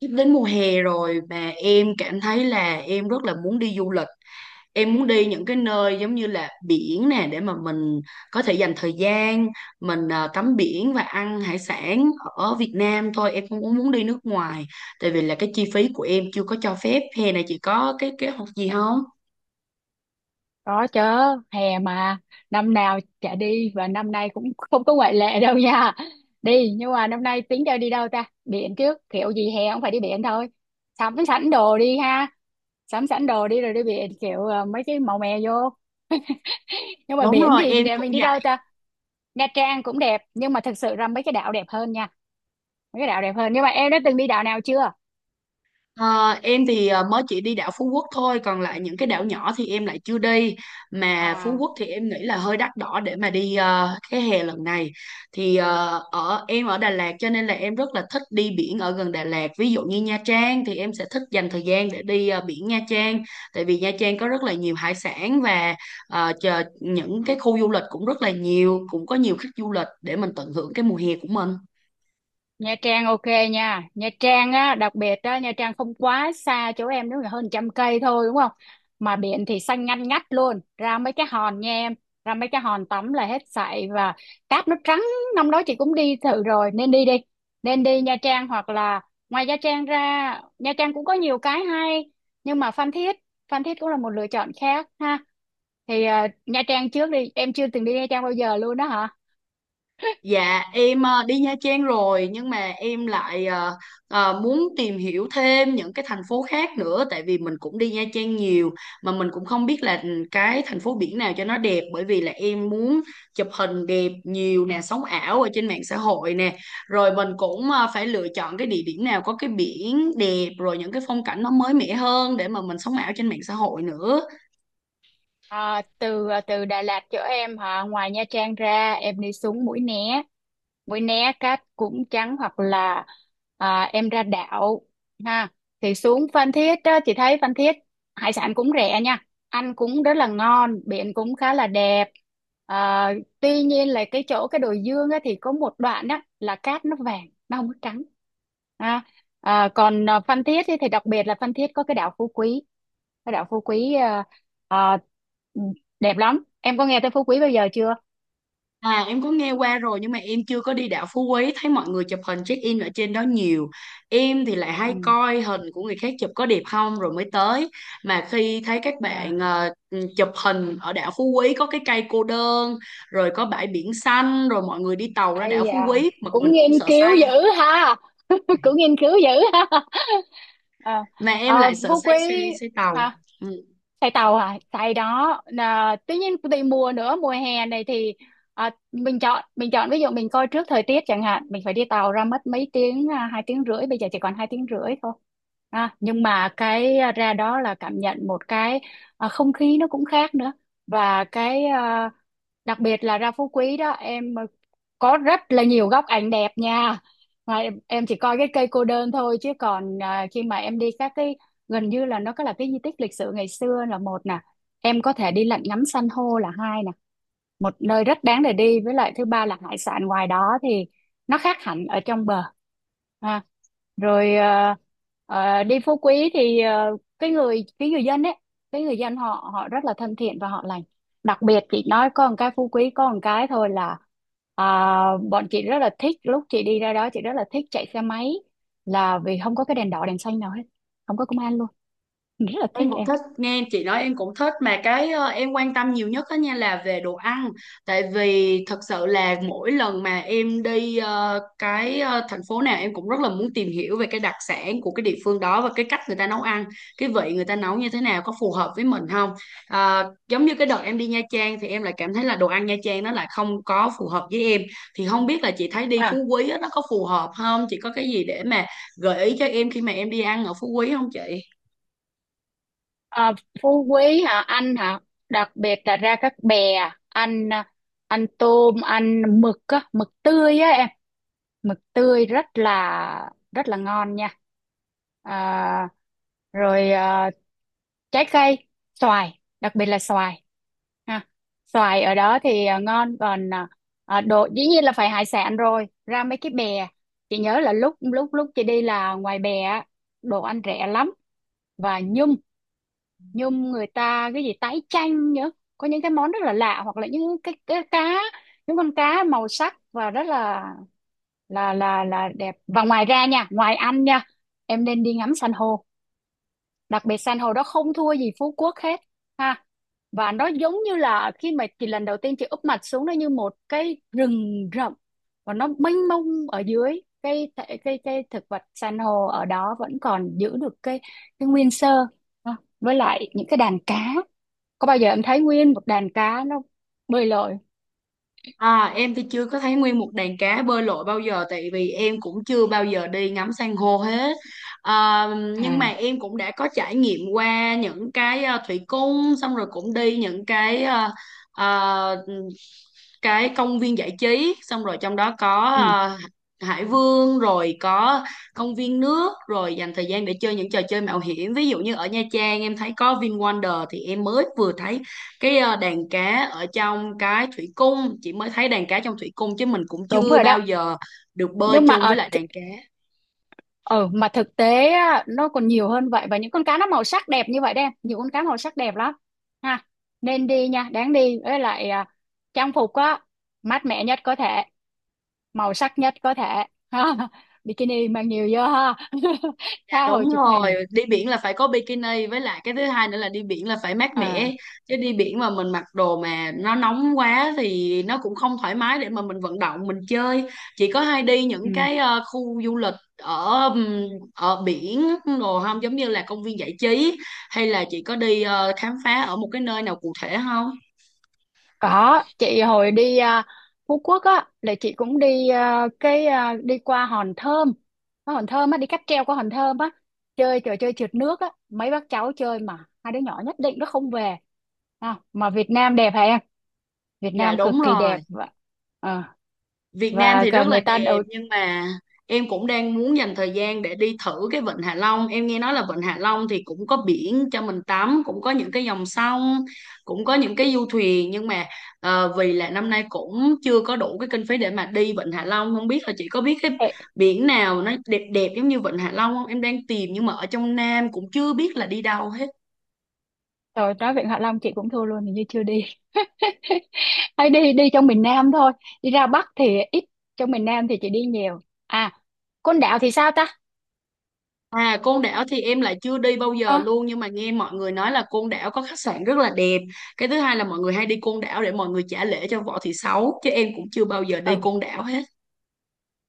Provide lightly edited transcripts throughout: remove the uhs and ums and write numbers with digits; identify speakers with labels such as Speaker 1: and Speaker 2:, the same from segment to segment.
Speaker 1: Sắp đến mùa hè rồi mà em cảm thấy là em rất là muốn đi du lịch. Em muốn đi những cái nơi giống như là biển nè để mà mình có thể dành thời gian mình, tắm biển và ăn hải sản ở Việt Nam thôi, em không có muốn đi nước ngoài tại vì là cái chi phí của em chưa có cho phép. Hè này chị có cái kế hoạch gì không?
Speaker 2: Có chứ, hè mà năm nào chả đi và năm nay cũng không có ngoại lệ đâu nha. Đi nhưng mà năm nay tính cho đi đâu ta? Biển trước, kiểu gì hè cũng phải đi biển thôi. Sắm sẵn đồ đi ha, sắm sẵn đồ đi rồi đi biển kiểu mấy cái màu mè vô. Nhưng mà
Speaker 1: Đúng
Speaker 2: biển
Speaker 1: rồi,
Speaker 2: thì
Speaker 1: em
Speaker 2: để
Speaker 1: cũng
Speaker 2: mình đi
Speaker 1: vậy.
Speaker 2: đâu ta? Nha Trang cũng đẹp nhưng mà thật sự ra mấy cái đảo đẹp hơn nha. Mấy cái đảo đẹp hơn. Nhưng mà em đã từng đi đảo nào chưa?
Speaker 1: Ờ, em thì mới chỉ đi đảo Phú Quốc thôi, còn lại những cái đảo nhỏ thì em lại chưa đi. Mà Phú
Speaker 2: À,
Speaker 1: Quốc thì em nghĩ là hơi đắt đỏ để mà đi cái hè lần này. Thì ờ, ở em ở Đà Lạt cho nên là em rất là thích đi biển ở gần Đà Lạt. Ví dụ như Nha Trang thì em sẽ thích dành thời gian để đi biển Nha Trang. Tại vì Nha Trang có rất là nhiều hải sản và chờ những cái khu du lịch cũng rất là nhiều, cũng có nhiều khách du lịch để mình tận hưởng cái mùa hè của mình.
Speaker 2: Nha Trang ok nha. Nha Trang á đặc biệt á, Nha Trang không quá xa chỗ em, nếu là hơn 100 cây thôi, đúng không? Mà biển thì xanh ngăn ngắt luôn, ra mấy cái hòn nha em, ra mấy cái hòn tắm là hết sảy. Và cát nó trắng, năm đó chị cũng đi thử rồi, nên đi đi, nên đi Nha Trang. Hoặc là ngoài Nha Trang ra, Nha Trang cũng có nhiều cái hay, nhưng mà Phan Thiết, Phan Thiết cũng là một lựa chọn khác ha. Thì Nha Trang trước đi, em chưa từng đi Nha Trang bao giờ luôn đó hả?
Speaker 1: Dạ, em đi Nha Trang rồi nhưng mà em lại muốn tìm hiểu thêm những cái thành phố khác nữa tại vì mình cũng đi Nha Trang nhiều mà mình cũng không biết là cái thành phố biển nào cho nó đẹp, bởi vì là em muốn chụp hình đẹp nhiều nè, sống ảo ở trên mạng xã hội nè. Rồi mình cũng phải lựa chọn cái địa điểm nào có cái biển đẹp rồi những cái phong cảnh nó mới mẻ hơn để mà mình sống ảo trên mạng xã hội nữa.
Speaker 2: À, từ Đà Lạt chỗ em hả, ngoài Nha Trang ra em đi xuống Mũi Né. Mũi Né cát cũng trắng, hoặc là em ra đảo ha. Thì xuống Phan Thiết á, chị thấy Phan Thiết hải sản cũng rẻ nha, ăn cũng rất là ngon, biển cũng khá là đẹp. à, Tuy nhiên là cái chỗ cái đồi Dương á, thì có một đoạn á là cát nó vàng, nó không có trắng ha. Còn Phan Thiết thì đặc biệt là Phan Thiết có cái đảo Phú Quý, cái đảo Phú Quý Ờ, ừ, đẹp lắm, em có nghe tới Phú Quý bao giờ chưa?
Speaker 1: À, em có nghe qua rồi nhưng mà em chưa có đi đảo Phú Quý, thấy mọi người chụp hình check in ở trên đó nhiều. Em thì lại hay
Speaker 2: Ừ.
Speaker 1: coi hình của người khác chụp có đẹp không rồi mới tới, mà khi thấy các
Speaker 2: à,
Speaker 1: bạn chụp hình ở đảo Phú Quý có cái cây cô đơn rồi có bãi biển xanh rồi mọi người đi tàu ra đảo
Speaker 2: Ây
Speaker 1: Phú Quý mà mình
Speaker 2: cũng nghiên
Speaker 1: cũng sợ
Speaker 2: cứu
Speaker 1: say.
Speaker 2: dữ ha. Cũng nghiên cứu dữ ha. à,
Speaker 1: Mà em lại sợ
Speaker 2: Phú Quý
Speaker 1: say xe, say tàu.
Speaker 2: hả?
Speaker 1: Ừ.
Speaker 2: Xài tàu à? Xài đó. Là, tuy nhiên tùy mùa nữa, mùa hè này thì mình chọn ví dụ mình coi trước thời tiết chẳng hạn, mình phải đi tàu ra mất mấy tiếng, 2 tiếng rưỡi, bây giờ chỉ còn 2 tiếng rưỡi thôi. À, nhưng mà cái ra đó là cảm nhận một cái, không khí nó cũng khác nữa. Và cái đặc biệt là ra Phú Quý đó em, có rất là nhiều góc ảnh đẹp nha. Mà em chỉ coi cái cây cô đơn thôi, chứ còn khi mà em đi các cái, gần như là nó có là cái di tích lịch sử ngày xưa là một nè, em có thể đi lặn ngắm san hô là hai nè, một nơi rất đáng để đi. Với lại thứ ba là hải sản ngoài đó thì nó khác hẳn ở trong bờ ha. Rồi đi Phú Quý thì cái người, dân ấy, cái người dân họ họ rất là thân thiện và họ lành. Đặc biệt chị nói có một cái Phú Quý có một cái thôi, là à, bọn chị rất là thích, lúc chị đi ra đó chị rất là thích chạy xe máy, là vì không có cái đèn đỏ đèn xanh nào hết, không có công an luôn, rất là thích.
Speaker 1: Em cũng thích nghe chị nói, em cũng thích, mà cái em quan tâm nhiều nhất đó nha là về đồ ăn. Tại vì thật sự là mỗi lần mà em đi thành phố nào em cũng rất là muốn tìm hiểu về cái đặc sản của cái địa phương đó và cái cách người ta nấu ăn, cái vị người ta nấu như thế nào, có phù hợp với mình không. Ờ, giống như cái đợt em đi Nha Trang thì em lại cảm thấy là đồ ăn Nha Trang nó lại không có phù hợp với em. Thì không biết là chị thấy đi
Speaker 2: Em?
Speaker 1: Phú Quý á, nó có phù hợp không, chị có cái gì để mà gợi ý cho em khi mà em đi ăn ở Phú Quý không chị?
Speaker 2: Ờ, Phú Quý hả anh hả? Đặc biệt là ra các bè, anh anh tôm anh mực á, mực tươi á em, mực tươi rất là ngon nha. À, rồi trái cây, xoài, đặc biệt là xoài ha. Xoài ở đó thì ngon. Còn đồ dĩ nhiên là phải hải sản rồi, ra mấy cái bè. Chị nhớ là lúc lúc lúc chị đi là ngoài bè á, đồ ăn rẻ lắm. Và nhum, nhum người ta cái gì tái chanh nhớ, có những cái món rất là lạ. Hoặc là những cái cá, những con cá màu sắc và rất là đẹp. Và ngoài ra nha, ngoài ăn nha, em nên đi ngắm san hô, đặc biệt xanh hồi đó không thua gì Phú Quốc hết ha. Và nó giống như là khi mà chị lần đầu tiên chị úp mặt xuống, nó như một cái rừng rậm và nó mênh mông. Ở dưới cái, cái thực vật san hô ở đó vẫn còn giữ được cái nguyên sơ ha. Với lại những cái đàn cá, có bao giờ em thấy nguyên một đàn cá nó bơi lội?
Speaker 1: À, em thì chưa có thấy nguyên một đàn cá bơi lội bao giờ, tại vì em cũng chưa bao giờ đi ngắm san hô hết. À, nhưng mà
Speaker 2: À.
Speaker 1: em cũng đã có trải nghiệm qua những cái thủy cung, xong rồi cũng đi những cái ờ, cái công viên giải trí. Xong rồi trong đó có
Speaker 2: Ừ,
Speaker 1: Hải Vương rồi có công viên nước, rồi dành thời gian để chơi những trò chơi mạo hiểm. Ví dụ như ở Nha Trang em thấy có VinWonder, thì em mới vừa thấy cái đàn cá ở trong cái thủy cung. Chị mới thấy đàn cá trong thủy cung chứ mình cũng
Speaker 2: đúng
Speaker 1: chưa
Speaker 2: rồi
Speaker 1: bao
Speaker 2: đó.
Speaker 1: giờ được bơi
Speaker 2: Nhưng mà
Speaker 1: chung
Speaker 2: ở—
Speaker 1: với lại đàn cá.
Speaker 2: Ờ, mà thực tế á, nó còn nhiều hơn vậy, và những con cá nó màu sắc đẹp như vậy đấy em, nhiều con cá màu sắc đẹp lắm ha. Nên đi nha, đáng đi. Với lại trang phục á mát mẻ nhất có thể, màu sắc nhất có thể. Ha. Bikini mang nhiều vô ha.
Speaker 1: Dạ
Speaker 2: Tha hồ
Speaker 1: đúng
Speaker 2: chụp
Speaker 1: rồi,
Speaker 2: hình.
Speaker 1: đi biển là phải có bikini, với lại cái thứ hai nữa là đi biển là phải mát mẻ,
Speaker 2: À.
Speaker 1: chứ đi biển mà mình mặc đồ mà nó nóng quá thì nó cũng không thoải mái để mà mình vận động mình chơi. Chị có hay đi
Speaker 2: Ừ.
Speaker 1: những cái khu du lịch ở ở biển đồ không, giống như là công viên giải trí, hay là chị có đi khám phá ở một cái nơi nào cụ thể không?
Speaker 2: Có, chị hồi đi Phú Quốc á, là chị cũng đi đi qua Hòn Thơm. Có Hòn Thơm á, đi cáp treo qua Hòn Thơm á, chơi trò chơi trượt nước á, mấy bác cháu chơi mà hai đứa nhỏ nhất định nó không về. À, mà Việt Nam đẹp hả em? Việt
Speaker 1: Dạ
Speaker 2: Nam
Speaker 1: đúng
Speaker 2: cực kỳ
Speaker 1: rồi,
Speaker 2: đẹp, và ờ,
Speaker 1: Việt Nam
Speaker 2: và
Speaker 1: thì
Speaker 2: cả
Speaker 1: rất là
Speaker 2: người ta
Speaker 1: đẹp
Speaker 2: đầu—
Speaker 1: nhưng mà em cũng đang muốn dành thời gian để đi thử cái Vịnh Hạ Long. Em nghe nói là Vịnh Hạ Long thì cũng có biển cho mình tắm, cũng có những cái dòng sông, cũng có những cái du thuyền, nhưng mà vì là năm nay cũng chưa có đủ cái kinh phí để mà đi Vịnh Hạ Long, không biết là chị có biết cái
Speaker 2: Ê,
Speaker 1: biển nào nó đẹp đẹp giống như Vịnh Hạ Long không? Em đang tìm nhưng mà ở trong Nam cũng chưa biết là đi đâu hết.
Speaker 2: rồi nói Vịnh Hạ Long chị cũng thua luôn, hình như chưa đi. Hay đi đi trong miền Nam thôi, đi ra Bắc thì ít, trong miền Nam thì chị đi nhiều. À, Côn Đảo thì sao ta?
Speaker 1: À, Côn Đảo thì em lại chưa đi bao giờ
Speaker 2: Ờ.
Speaker 1: luôn, nhưng mà nghe mọi người nói là Côn Đảo có khách sạn rất là đẹp. Cái thứ hai là mọi người hay đi Côn Đảo để mọi người trả lễ cho Võ Thị Sáu, chứ em cũng chưa bao giờ
Speaker 2: Ừ.
Speaker 1: đi Côn Đảo hết.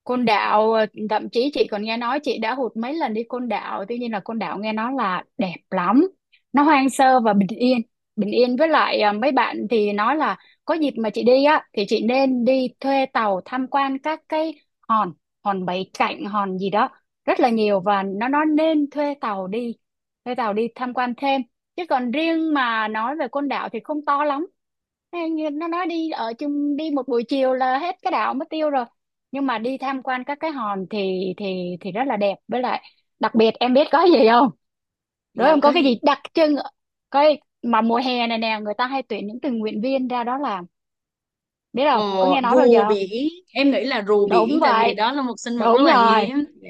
Speaker 2: Côn Đảo, thậm chí chị còn nghe nói, chị đã hụt mấy lần đi Côn Đảo. Tuy nhiên là Côn Đảo nghe nói là đẹp lắm, nó hoang sơ và bình yên, bình yên. Với lại mấy bạn thì nói là có dịp mà chị đi á thì chị nên đi thuê tàu tham quan các cái hòn, hòn Bảy Cạnh, hòn gì đó rất là nhiều. Và nó nên thuê tàu đi, thuê tàu đi tham quan thêm. Chứ còn riêng mà nói về Côn Đảo thì không to lắm. Ê, như nó nói đi ở chung, đi một buổi chiều là hết cái đảo mất tiêu rồi. Nhưng mà đi tham quan các cái hòn thì rất là đẹp. Với lại đặc biệt em biết có gì không? Đúng
Speaker 1: Dạ
Speaker 2: không,
Speaker 1: có
Speaker 2: có cái
Speaker 1: gì?
Speaker 2: gì đặc trưng, coi mà mùa hè này nè người ta hay tuyển những tình nguyện viên ra đó làm. Biết
Speaker 1: ờ,
Speaker 2: không, có nghe nói bao
Speaker 1: Rùa
Speaker 2: giờ không?
Speaker 1: biển, em nghĩ là rùa
Speaker 2: Đúng
Speaker 1: biển tại vì
Speaker 2: vậy,
Speaker 1: đó là một sinh vật rất
Speaker 2: đúng
Speaker 1: là
Speaker 2: rồi,
Speaker 1: hiếm. Dạ.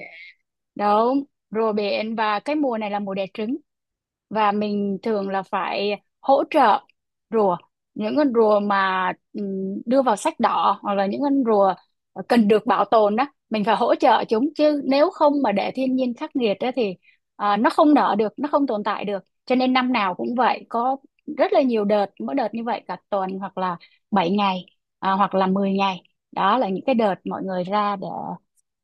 Speaker 2: đúng. Rùa biển, và cái mùa này là mùa đẻ trứng, và mình thường là phải hỗ trợ rùa, những con rùa mà đưa vào sách đỏ, hoặc là những con rùa cần được bảo tồn đó, mình phải hỗ trợ chúng. Chứ nếu không mà để thiên nhiên khắc nghiệt đó thì nó không nở được, nó không tồn tại được. Cho nên năm nào cũng vậy, có rất là nhiều đợt, mỗi đợt như vậy cả tuần hoặc là 7 ngày, hoặc là 10 ngày. Đó là những cái đợt mọi người ra để—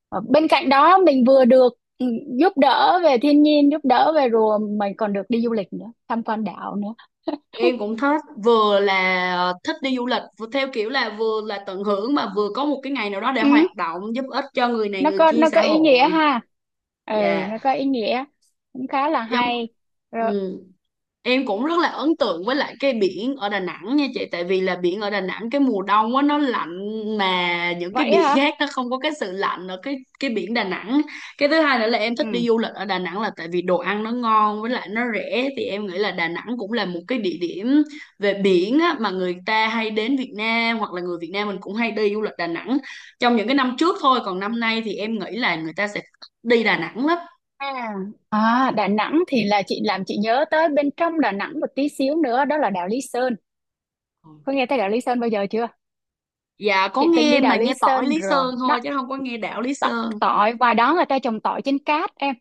Speaker 2: Ờ, bên cạnh đó mình vừa được giúp đỡ về thiên nhiên, giúp đỡ về rùa, mình còn được đi du lịch nữa, tham quan đảo nữa.
Speaker 1: Em cũng thích, vừa là thích đi du lịch vừa theo kiểu là vừa là tận hưởng mà vừa có một cái ngày nào đó để hoạt
Speaker 2: Ừ,
Speaker 1: động giúp ích cho người này người kia,
Speaker 2: nó
Speaker 1: xã
Speaker 2: có ý nghĩa
Speaker 1: hội.
Speaker 2: ha. Ừ,
Speaker 1: Dạ.
Speaker 2: nó có ý nghĩa. Cũng khá là
Speaker 1: Giống
Speaker 2: hay. Rồi,
Speaker 1: ừ. Em cũng rất là ấn tượng với lại cái biển ở Đà Nẵng nha chị. Tại vì là biển ở Đà Nẵng cái mùa đông á nó lạnh, mà những cái
Speaker 2: vậy
Speaker 1: biển
Speaker 2: hả?
Speaker 1: khác nó không có cái sự lạnh ở cái biển Đà Nẵng. Cái thứ hai nữa là em thích
Speaker 2: Ừ.
Speaker 1: đi du lịch ở Đà Nẵng là tại vì đồ ăn nó ngon với lại nó rẻ. Thì em nghĩ là Đà Nẵng cũng là một cái địa điểm về biển á, mà người ta hay đến Việt Nam hoặc là người Việt Nam mình cũng hay đi du lịch Đà Nẵng trong những cái năm trước thôi. Còn năm nay thì em nghĩ là người ta sẽ đi Đà Nẵng lắm.
Speaker 2: À, Đà Nẵng thì là chị làm chị nhớ tới bên trong Đà Nẵng một tí xíu nữa, đó là đảo Lý Sơn. Có nghe tới đảo
Speaker 1: Ừ.
Speaker 2: Lý Sơn bao giờ chưa?
Speaker 1: Dạ có
Speaker 2: Chị từng đi
Speaker 1: nghe, mà
Speaker 2: đảo Lý
Speaker 1: nghe tỏi
Speaker 2: Sơn
Speaker 1: Lý
Speaker 2: rồi.
Speaker 1: Sơn thôi chứ không có nghe đảo Lý Sơn.
Speaker 2: Tỏi ngoài đó người ta trồng tỏi trên cát em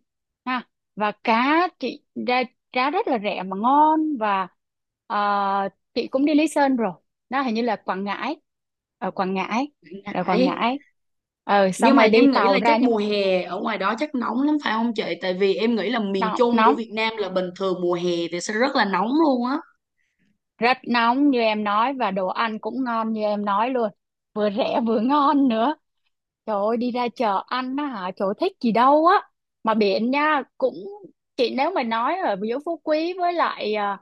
Speaker 2: ha. Và cá chị ra giá rất là rẻ mà ngon. Và ờ, chị cũng đi Lý Sơn rồi. Đó hình như là Quảng Ngãi, ở Quảng Ngãi, ở Quảng
Speaker 1: Đấy.
Speaker 2: Ngãi. Ờ, xong
Speaker 1: Nhưng mà
Speaker 2: rồi đi
Speaker 1: em nghĩ
Speaker 2: tàu
Speaker 1: là
Speaker 2: ra
Speaker 1: chắc
Speaker 2: những—
Speaker 1: mùa hè ở ngoài đó chắc nóng lắm phải không chị? Tại vì em nghĩ là miền
Speaker 2: Nóng,
Speaker 1: Trung của
Speaker 2: nóng,
Speaker 1: Việt Nam là bình thường mùa hè thì sẽ rất là nóng luôn á.
Speaker 2: rất nóng như em nói, và đồ ăn cũng ngon như em nói luôn, vừa rẻ vừa ngon nữa. Trời ơi, đi ra chợ ăn á hả? Trời ơi, thích gì đâu á. Mà biển nha, cũng— chị nếu mà nói ở giữa Phú Quý với lại à,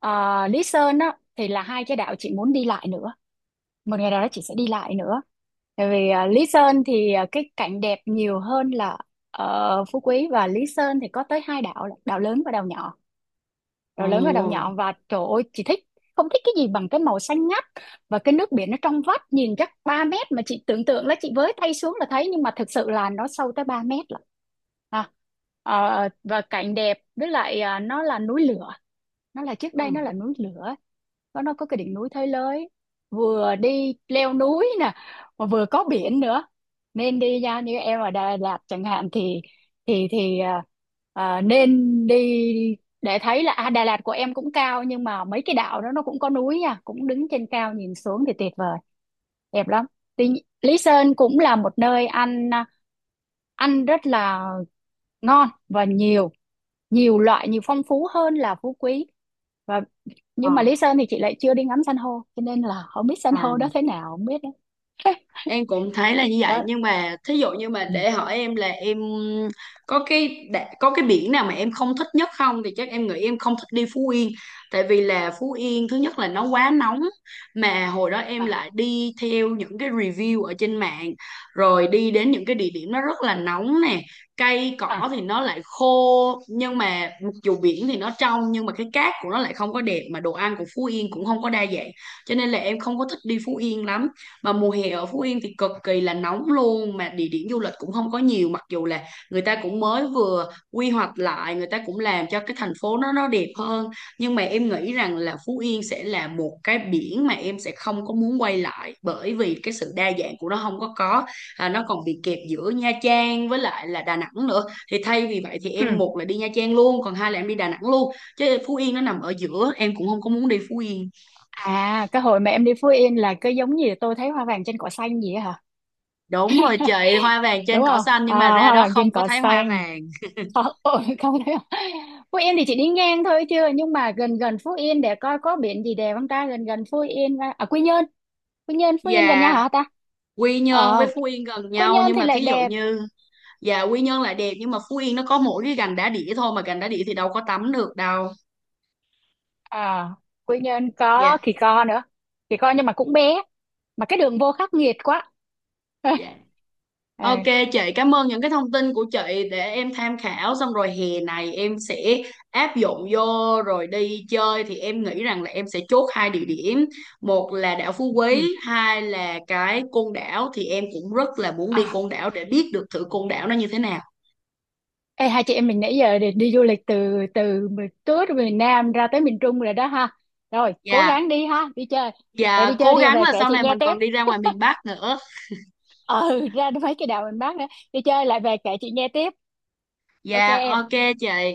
Speaker 2: à, Lý Sơn á, thì là hai cái đảo chị muốn đi lại nữa. Một ngày nào đó chị sẽ đi lại nữa. Tại vì Lý Sơn thì cái cảnh đẹp nhiều hơn là ở Phú Quý. Và Lý Sơn thì có tới hai đảo, là đảo lớn và đảo nhỏ,
Speaker 1: Ồ.
Speaker 2: rồi lớn ở đầu nhọn. Và trời ơi chị thích, không thích cái gì bằng cái màu xanh ngắt và cái nước biển nó trong vắt, nhìn chắc 3 mét mà chị tưởng tượng là chị với tay xuống là thấy, nhưng mà thực sự là nó sâu tới 3 mét lận. à, và cảnh đẹp, với lại nó là núi lửa, nó là trước đây nó
Speaker 1: Ừ.
Speaker 2: là núi lửa. Nó nó có cái đỉnh núi Thới Lới, vừa đi leo núi nè mà vừa có biển nữa. Nên đi ra, như em ở Đà Lạt chẳng hạn thì thì thì à, nên đi, để thấy là Đà Lạt của em cũng cao nhưng mà mấy cái đảo đó nó cũng có núi nha, cũng đứng trên cao nhìn xuống thì tuyệt vời, đẹp lắm. Tuy, Lý Sơn cũng là một nơi ăn, ăn rất là ngon và nhiều, nhiều loại, nhiều phong phú hơn là Phú Quý. Và
Speaker 1: Ờ.
Speaker 2: nhưng mà Lý Sơn thì chị lại chưa đi ngắm san hô, cho nên là không biết san hô đó
Speaker 1: À.
Speaker 2: thế nào, không biết đấy.
Speaker 1: Em cũng thấy là như vậy,
Speaker 2: Đó.
Speaker 1: nhưng mà thí dụ như mà
Speaker 2: Ừ.
Speaker 1: để hỏi em là em có có cái biển nào mà em không thích nhất không, thì chắc em nghĩ em không thích đi Phú Yên. Tại vì là Phú Yên thứ nhất là nó quá nóng, mà hồi đó em
Speaker 2: À.
Speaker 1: lại đi theo những cái review ở trên mạng rồi đi đến những cái địa điểm nó rất là nóng nè, cây cỏ
Speaker 2: À.
Speaker 1: thì nó lại khô, nhưng mà mặc dù biển thì nó trong nhưng mà cái cát của nó lại không có đẹp, mà đồ ăn của Phú Yên cũng không có đa dạng, cho nên là em không có thích đi Phú Yên lắm. Mà mùa hè ở Phú Yên thì cực kỳ là nóng luôn, mà địa điểm du lịch cũng không có nhiều, mặc dù là người ta cũng mới vừa quy hoạch lại, người ta cũng làm cho cái thành phố nó đẹp hơn, nhưng mà em nghĩ rằng là Phú Yên sẽ là một cái biển mà em sẽ không có muốn quay lại, bởi vì cái sự đa dạng của nó không có. À, nó còn bị kẹp giữa Nha Trang với lại là Đà Nẵng nữa, thì thay vì vậy thì em
Speaker 2: Ừ.
Speaker 1: một là đi Nha Trang luôn, còn hai là em đi Đà Nẵng luôn, chứ Phú Yên nó nằm ở giữa, em cũng không có muốn đi Phú Yên.
Speaker 2: À, cái hồi mà em đi Phú Yên là cứ giống như tôi thấy hoa vàng trên cỏ xanh gì á hả,
Speaker 1: Đúng rồi chị, hoa vàng
Speaker 2: đúng
Speaker 1: trên cỏ
Speaker 2: không?
Speaker 1: xanh,
Speaker 2: À,
Speaker 1: nhưng mà ra
Speaker 2: hoa
Speaker 1: đó
Speaker 2: vàng
Speaker 1: không
Speaker 2: trên
Speaker 1: có
Speaker 2: cỏ
Speaker 1: thấy hoa
Speaker 2: xanh.
Speaker 1: vàng.
Speaker 2: Ờ, ôi, không thấy không? Phú Yên thì chị đi ngang thôi chưa, nhưng mà gần gần Phú Yên để coi có biển gì đẹp không ta, gần gần Phú Yên ra— à, Quy Nhơn. Quy Nhơn Phú Yên gần nhau
Speaker 1: Và
Speaker 2: hả ta?
Speaker 1: Quy Nhơn
Speaker 2: Ờ.
Speaker 1: với Phú Yên gần
Speaker 2: Quy
Speaker 1: nhau,
Speaker 2: Nhơn
Speaker 1: nhưng
Speaker 2: thì
Speaker 1: mà
Speaker 2: lại
Speaker 1: thí dụ
Speaker 2: đẹp.
Speaker 1: như, và Quy Nhơn lại đẹp, nhưng mà Phú Yên nó có mỗi cái gành đá đĩa thôi, mà gành đá đĩa thì đâu có tắm được đâu.
Speaker 2: À, Quy Nhơn có
Speaker 1: Dạ.
Speaker 2: Kỳ Co nữa. Kỳ Co nhưng mà cũng bé, mà cái đường vô khắc nghiệt quá.
Speaker 1: Dạ.
Speaker 2: Ờ.
Speaker 1: Ok chị, cảm ơn những cái thông tin của chị để em tham khảo. Xong rồi hè này em sẽ áp dụng vô rồi đi chơi, thì em nghĩ rằng là em sẽ chốt hai địa điểm, một là đảo Phú Quý,
Speaker 2: Ừ.
Speaker 1: hai là cái Côn Đảo, thì em cũng rất là muốn đi
Speaker 2: à,
Speaker 1: Côn Đảo để biết được thử Côn Đảo nó như thế nào.
Speaker 2: Ê, hai chị em mình nãy giờ đi, đi du lịch từ từ miền- tới từ miền Nam ra tới miền Trung rồi đó ha. Rồi, cố
Speaker 1: Dạ,
Speaker 2: gắng đi ha, đi chơi. Rồi
Speaker 1: dạ
Speaker 2: đi chơi
Speaker 1: cố
Speaker 2: đi
Speaker 1: gắng
Speaker 2: về
Speaker 1: là
Speaker 2: kể
Speaker 1: sau
Speaker 2: chị
Speaker 1: này
Speaker 2: nghe
Speaker 1: mình
Speaker 2: tiếp.
Speaker 1: còn đi ra ngoài miền Bắc nữa.
Speaker 2: Ừ, ra mấy cái đảo miền Bắc nữa. Đi chơi lại về kể chị nghe tiếp. Ok
Speaker 1: Dạ,
Speaker 2: em.
Speaker 1: ok chị.